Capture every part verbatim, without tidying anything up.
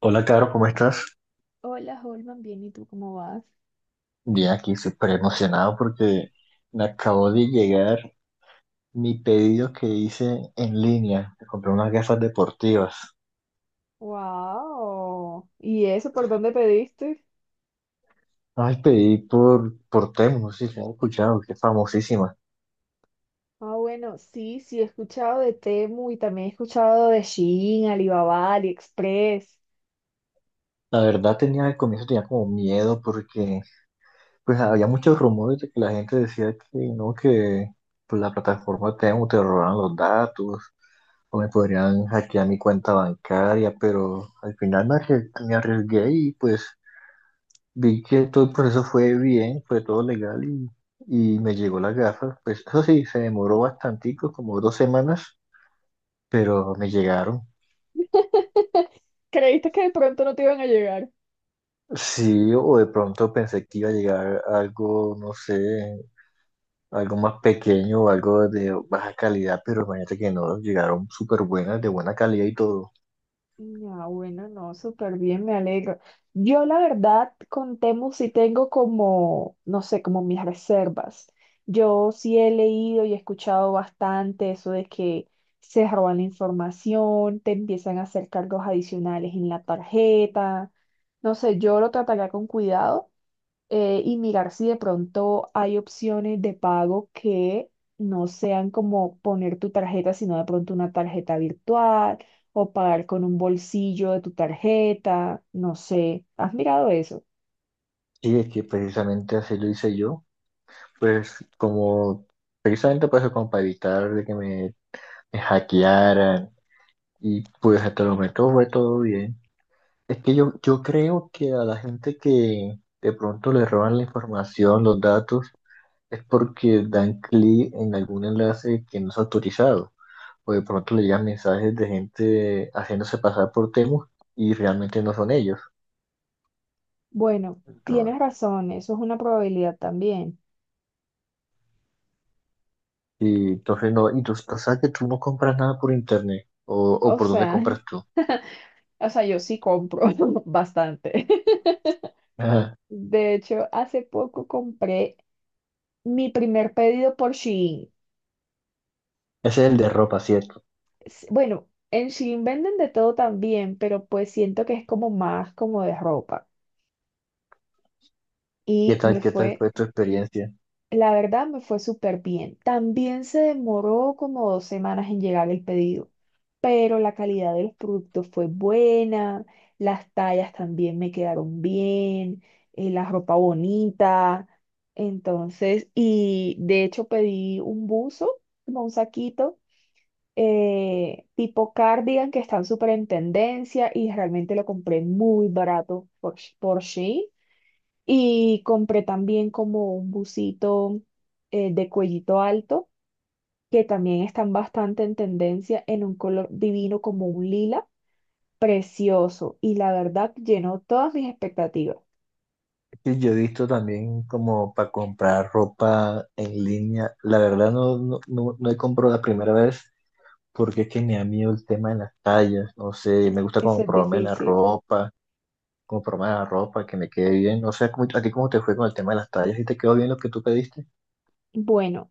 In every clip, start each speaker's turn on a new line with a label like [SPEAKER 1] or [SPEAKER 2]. [SPEAKER 1] Hola, Caro, ¿cómo estás?
[SPEAKER 2] Hola, Holman, bien, ¿y tú cómo vas?
[SPEAKER 1] Bien, aquí súper emocionado porque me acabó de llegar mi pedido que hice en línea. Me compré unas gafas deportivas.
[SPEAKER 2] Wow. ¿Y eso por dónde pediste?
[SPEAKER 1] Ay, pedí por, por Temu, no sé si has escuchado, que es famosísima.
[SPEAKER 2] Ah, bueno, sí, sí, he escuchado de Temu y también he escuchado de Shein, Alibaba, AliExpress.
[SPEAKER 1] La verdad tenía al comienzo tenía como miedo porque pues había muchos rumores de que la gente decía que no, que pues la plataforma Temu te robaban los datos o me podrían hackear mi cuenta bancaria, pero al final me arrie- me arriesgué y pues vi que todo el proceso fue bien, fue todo legal y, y me llegó la gafa. Pues eso sí, se demoró bastantico, como dos semanas, pero me llegaron.
[SPEAKER 2] ¿Creíste que de pronto no te iban a llegar?
[SPEAKER 1] Sí, o de pronto pensé que iba a llegar algo, no sé, algo más pequeño o algo de baja calidad, pero imagínate que no, llegaron súper buenas, de buena calidad y todo.
[SPEAKER 2] Ya, bueno, no, súper bien, me alegro. Yo la verdad con Temu sí tengo como, no sé, como mis reservas. Yo sí he leído y he escuchado bastante eso de que se roban la información, te empiezan a hacer cargos adicionales en la tarjeta. No sé, yo lo trataría con cuidado, eh, y mirar si de pronto hay opciones de pago que no sean como poner tu tarjeta, sino de pronto una tarjeta virtual o pagar con un bolsillo de tu tarjeta, no sé. ¿Has mirado eso?
[SPEAKER 1] Y es que precisamente así lo hice yo, pues como precisamente para eso, como para evitar de que me, me hackearan y pues hasta el momento fue todo bien. Es que yo, yo creo que a la gente que de pronto le roban la información, los datos, es porque dan clic en algún enlace que no es autorizado. O de pronto le llegan mensajes de gente haciéndose pasar por Temu y realmente no son ellos.
[SPEAKER 2] Bueno, tienes
[SPEAKER 1] Entonces,
[SPEAKER 2] razón, eso es una probabilidad también.
[SPEAKER 1] y entonces no, y tú o sea, que tú no compras nada por internet. O, o
[SPEAKER 2] O
[SPEAKER 1] por dónde
[SPEAKER 2] sea,
[SPEAKER 1] compras tú.
[SPEAKER 2] o sea, yo sí compro bastante.
[SPEAKER 1] Ajá.
[SPEAKER 2] De hecho, hace poco compré mi primer pedido por Shein.
[SPEAKER 1] Ese es el de ropa, ¿cierto?
[SPEAKER 2] s- Bueno, en Shein venden de todo también, pero pues siento que es como más como de ropa.
[SPEAKER 1] ¿Qué
[SPEAKER 2] Y me
[SPEAKER 1] tal, qué tal
[SPEAKER 2] fue,
[SPEAKER 1] fue tu experiencia?
[SPEAKER 2] la verdad, me fue súper bien. También se demoró como dos semanas en llegar el pedido, pero la calidad de los productos fue buena, las tallas también me quedaron bien, eh, la ropa bonita. Entonces, y de hecho pedí un buzo, como un saquito, eh, tipo cardigan que están súper en tendencia y realmente lo compré muy barato por, Sh- por Shein. Y compré también como un busito, eh, de cuellito alto, que también están bastante en tendencia en un color divino como un lila, precioso, y la verdad llenó todas mis expectativas.
[SPEAKER 1] Sí, yo he visto también como para comprar ropa en línea. La verdad no, no, no, no he comprado la primera vez porque es que me da miedo el tema de las tallas. No sé, me gusta
[SPEAKER 2] Eso
[SPEAKER 1] como
[SPEAKER 2] es
[SPEAKER 1] probarme la
[SPEAKER 2] difícil.
[SPEAKER 1] ropa, como probarme la ropa, que me quede bien. No sé, ¿cómo- a ti cómo te fue con el tema de las tallas? ¿Y te quedó bien lo que tú pediste?
[SPEAKER 2] Bueno,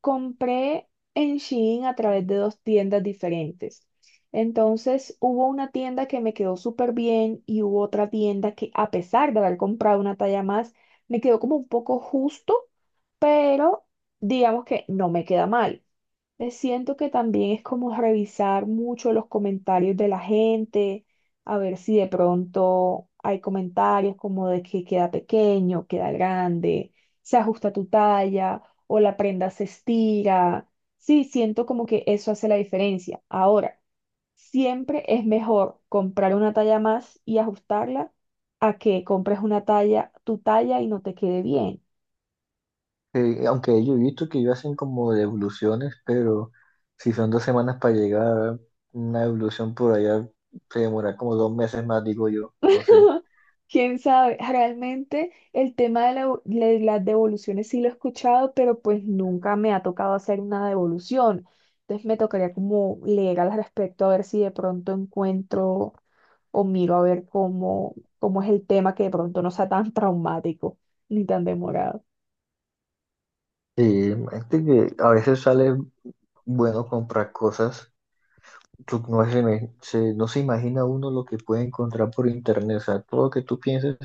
[SPEAKER 2] compré en Shein a través de dos tiendas diferentes. Entonces, hubo una tienda que me quedó súper bien y hubo otra tienda que, a pesar de haber comprado una talla más, me quedó como un poco justo, pero digamos que no me queda mal. Eh, Siento que también es como revisar mucho los comentarios de la gente, a ver si de pronto hay comentarios como de que queda pequeño, queda grande, se ajusta tu talla o la prenda se estira. Sí, siento como que eso hace la diferencia. Ahora, siempre es mejor comprar una talla más y ajustarla a que compres una talla, tu talla, y no te quede bien.
[SPEAKER 1] Eh, aunque yo he visto que ellos hacen como devoluciones, pero si son dos semanas para llegar, una devolución por allá se demora como dos meses más, digo yo. No sé.
[SPEAKER 2] Quién sabe, realmente el tema de, la- de las devoluciones sí lo he escuchado, pero pues nunca me ha tocado hacer una devolución. Entonces me tocaría como leer al respecto a ver si de pronto encuentro o miro a ver cómo, cómo es el tema, que de pronto no sea tan traumático ni tan demorado.
[SPEAKER 1] Sí, este que a veces sale. Bueno, comprar cosas, tú no se, me- se- no se imagina uno lo que puede encontrar por internet, o sea, todo lo que tú pienses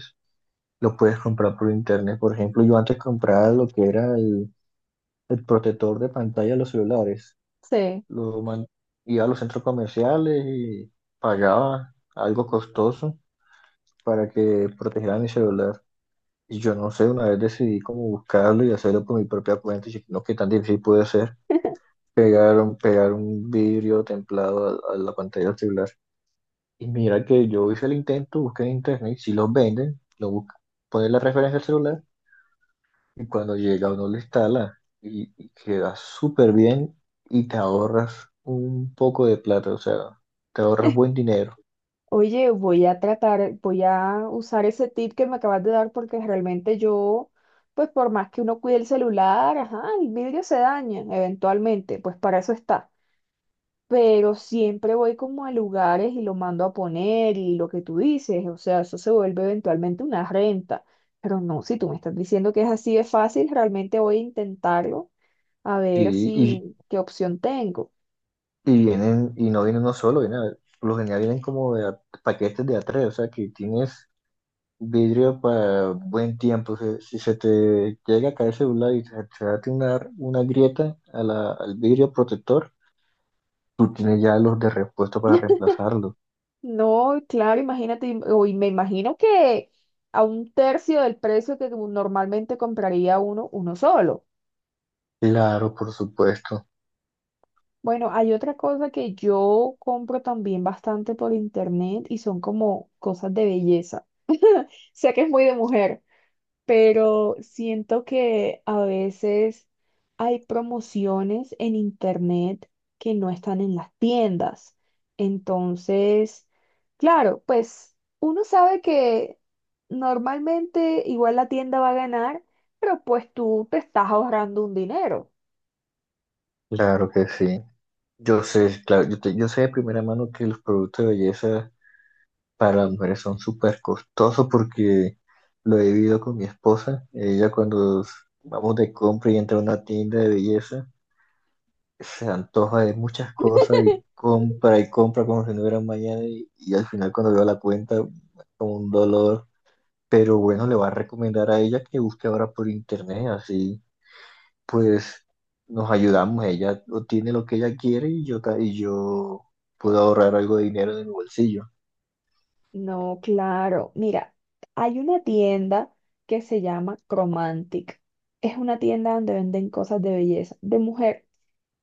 [SPEAKER 1] lo puedes comprar por internet. Por ejemplo, yo antes compraba lo que era el, el protector de pantalla de los celulares,
[SPEAKER 2] Sí.
[SPEAKER 1] lo man- iba a los centros comerciales y pagaba algo costoso para que protegiera mi celular. Y yo no sé, una vez decidí como buscarlo y hacerlo por mi propia cuenta y dije, no, qué tan difícil puede ser pegar un, pegar un vidrio templado a a la pantalla del celular. Y mira que yo hice el intento, busqué en internet, si los venden, lo busca, pones la referencia al celular y cuando llega uno lo instala y, y queda súper bien y te ahorras un poco de plata, o sea, te ahorras buen dinero.
[SPEAKER 2] Oye, voy a tratar, voy a usar ese tip que me acabas de dar porque realmente yo, pues por más que uno cuide el celular, ajá, el vidrio se daña eventualmente, pues para eso está. Pero siempre voy como a lugares y lo mando a poner y lo que tú dices, o sea, eso se vuelve eventualmente una renta. Pero no, si tú me estás diciendo que es así de fácil, realmente voy a intentarlo a ver
[SPEAKER 1] Y, y,
[SPEAKER 2] si qué opción tengo.
[SPEAKER 1] y vienen, y no vienen uno solo, vienen, a- por lo general vienen como de a- paquetes de a tres, o sea que tienes vidrio para buen tiempo. O sea, si se te llega a caer el celular y se te hace una, una grieta a la- al vidrio protector, tú tienes ya los de repuesto para reemplazarlos.
[SPEAKER 2] No, claro, imagínate, im- o y me imagino que a un tercio del precio que normalmente compraría uno, uno solo.
[SPEAKER 1] Claro, por supuesto.
[SPEAKER 2] Bueno, hay otra cosa que yo compro también bastante por internet y son como cosas de belleza. Sé que es muy de mujer, pero siento que a veces hay promociones en internet que no están en las tiendas. Entonces, claro, pues uno sabe que normalmente igual la tienda va a ganar, pero pues tú te estás ahorrando un dinero.
[SPEAKER 1] Claro que sí. Yo sé, claro, yo, te- yo sé de primera mano que los productos de belleza para las mujeres son súper costosos porque lo he vivido con mi esposa. Ella cuando s- vamos de compra y entra a una tienda de belleza, se antoja de muchas cosas y compra y compra como si no hubiera un mañana y, y al final cuando veo la cuenta, como un dolor. Pero bueno, le va a recomendar a ella que busque ahora por internet, así pues nos ayudamos. Ella obtiene lo que ella quiere y yo, ta- y yo puedo ahorrar algo de dinero de mi bolsillo.
[SPEAKER 2] No, claro. Mira, hay una tienda que se llama Cromantic. Es una tienda donde venden cosas de belleza, de mujer.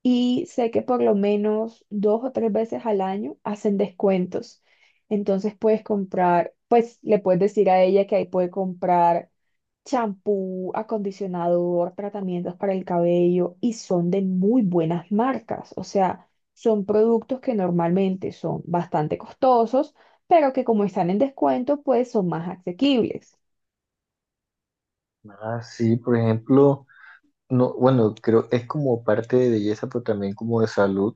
[SPEAKER 2] Y sé que por lo menos dos o tres veces al año hacen descuentos. Entonces puedes comprar, pues le puedes decir a ella que ahí puede comprar champú, acondicionador, tratamientos para el cabello y son de muy buenas marcas. O sea, son productos que normalmente son bastante costosos, pero que como están en descuento, pues son más asequibles.
[SPEAKER 1] Ah, sí por ejemplo, no, bueno, creo es como parte de belleza, pero también como de salud.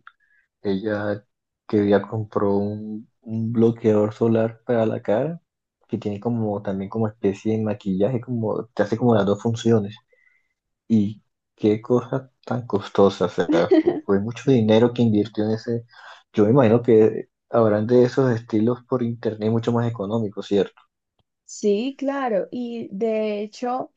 [SPEAKER 1] Ella que ya compró un, un bloqueador solar para la cara, que tiene como también como especie de maquillaje, como te hace como las dos funciones. Y qué cosa tan costosa, o sea, fu- fue mucho dinero que invirtió en ese. Yo me imagino que habrán de esos estilos por internet mucho más económicos, ¿cierto?
[SPEAKER 2] Sí, claro. Y de hecho,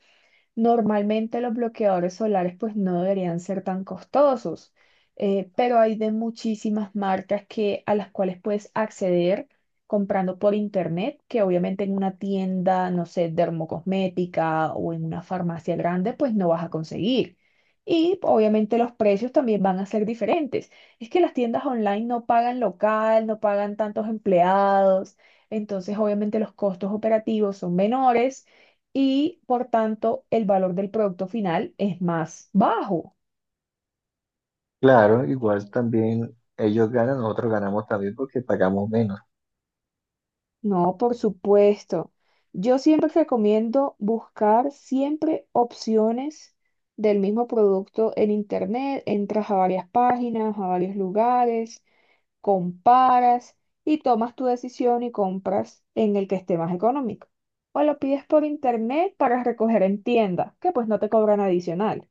[SPEAKER 2] normalmente los bloqueadores solares pues no deberían ser tan costosos, eh, pero hay de muchísimas marcas que, a las cuales puedes acceder comprando por internet, que obviamente en una tienda, no sé, dermocosmética o en una farmacia grande pues no vas a conseguir. Y obviamente los precios también van a ser diferentes. Es que las tiendas online no pagan local, no pagan tantos empleados, entonces obviamente los costos operativos son menores y por tanto el valor del producto final es más bajo.
[SPEAKER 1] Claro, igual también ellos ganan, nosotros ganamos también porque pagamos menos.
[SPEAKER 2] No, por supuesto. Yo siempre recomiendo buscar siempre opciones del mismo producto en internet, entras a varias páginas, a varios lugares, comparas y tomas tu decisión y compras en el que esté más económico. O lo pides por internet para recoger en tienda, que pues no te cobran adicional.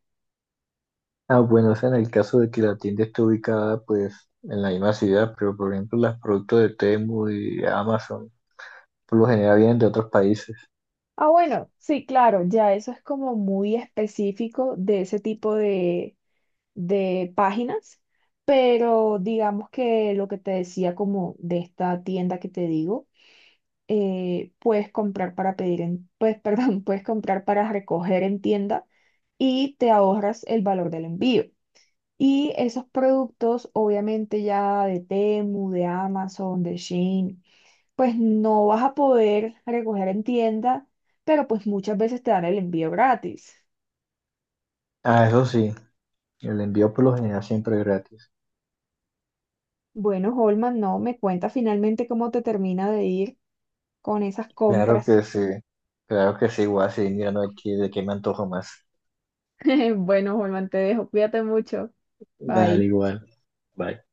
[SPEAKER 1] Ah, bueno, o sea, en el caso de que la tienda esté ubicada, pues, en la misma ciudad, pero por ejemplo, los productos de Temu y Amazon, por lo general vienen de otros países.
[SPEAKER 2] Ah, bueno, sí, claro, ya eso es como muy específico de ese tipo de, de páginas, pero digamos que lo que te decía como de esta tienda que te digo, eh, puedes comprar para pedir en, pues, perdón, puedes comprar para recoger en tienda y te ahorras el valor del envío. Y esos productos, obviamente ya de Temu, de Amazon, de Shein, pues no vas a poder recoger en tienda, pero pues muchas veces te dan el envío gratis.
[SPEAKER 1] Ah, eso sí, el envío por lo general siempre es gratis.
[SPEAKER 2] Bueno, Holman, no, me cuenta finalmente cómo te termina de ir con esas
[SPEAKER 1] Claro
[SPEAKER 2] compras.
[SPEAKER 1] que sí, claro que sí, igual, sí, mirando aquí de qué me antojo más.
[SPEAKER 2] Bueno, Holman, te dejo. Cuídate mucho.
[SPEAKER 1] Dale,
[SPEAKER 2] Bye.
[SPEAKER 1] igual, bye.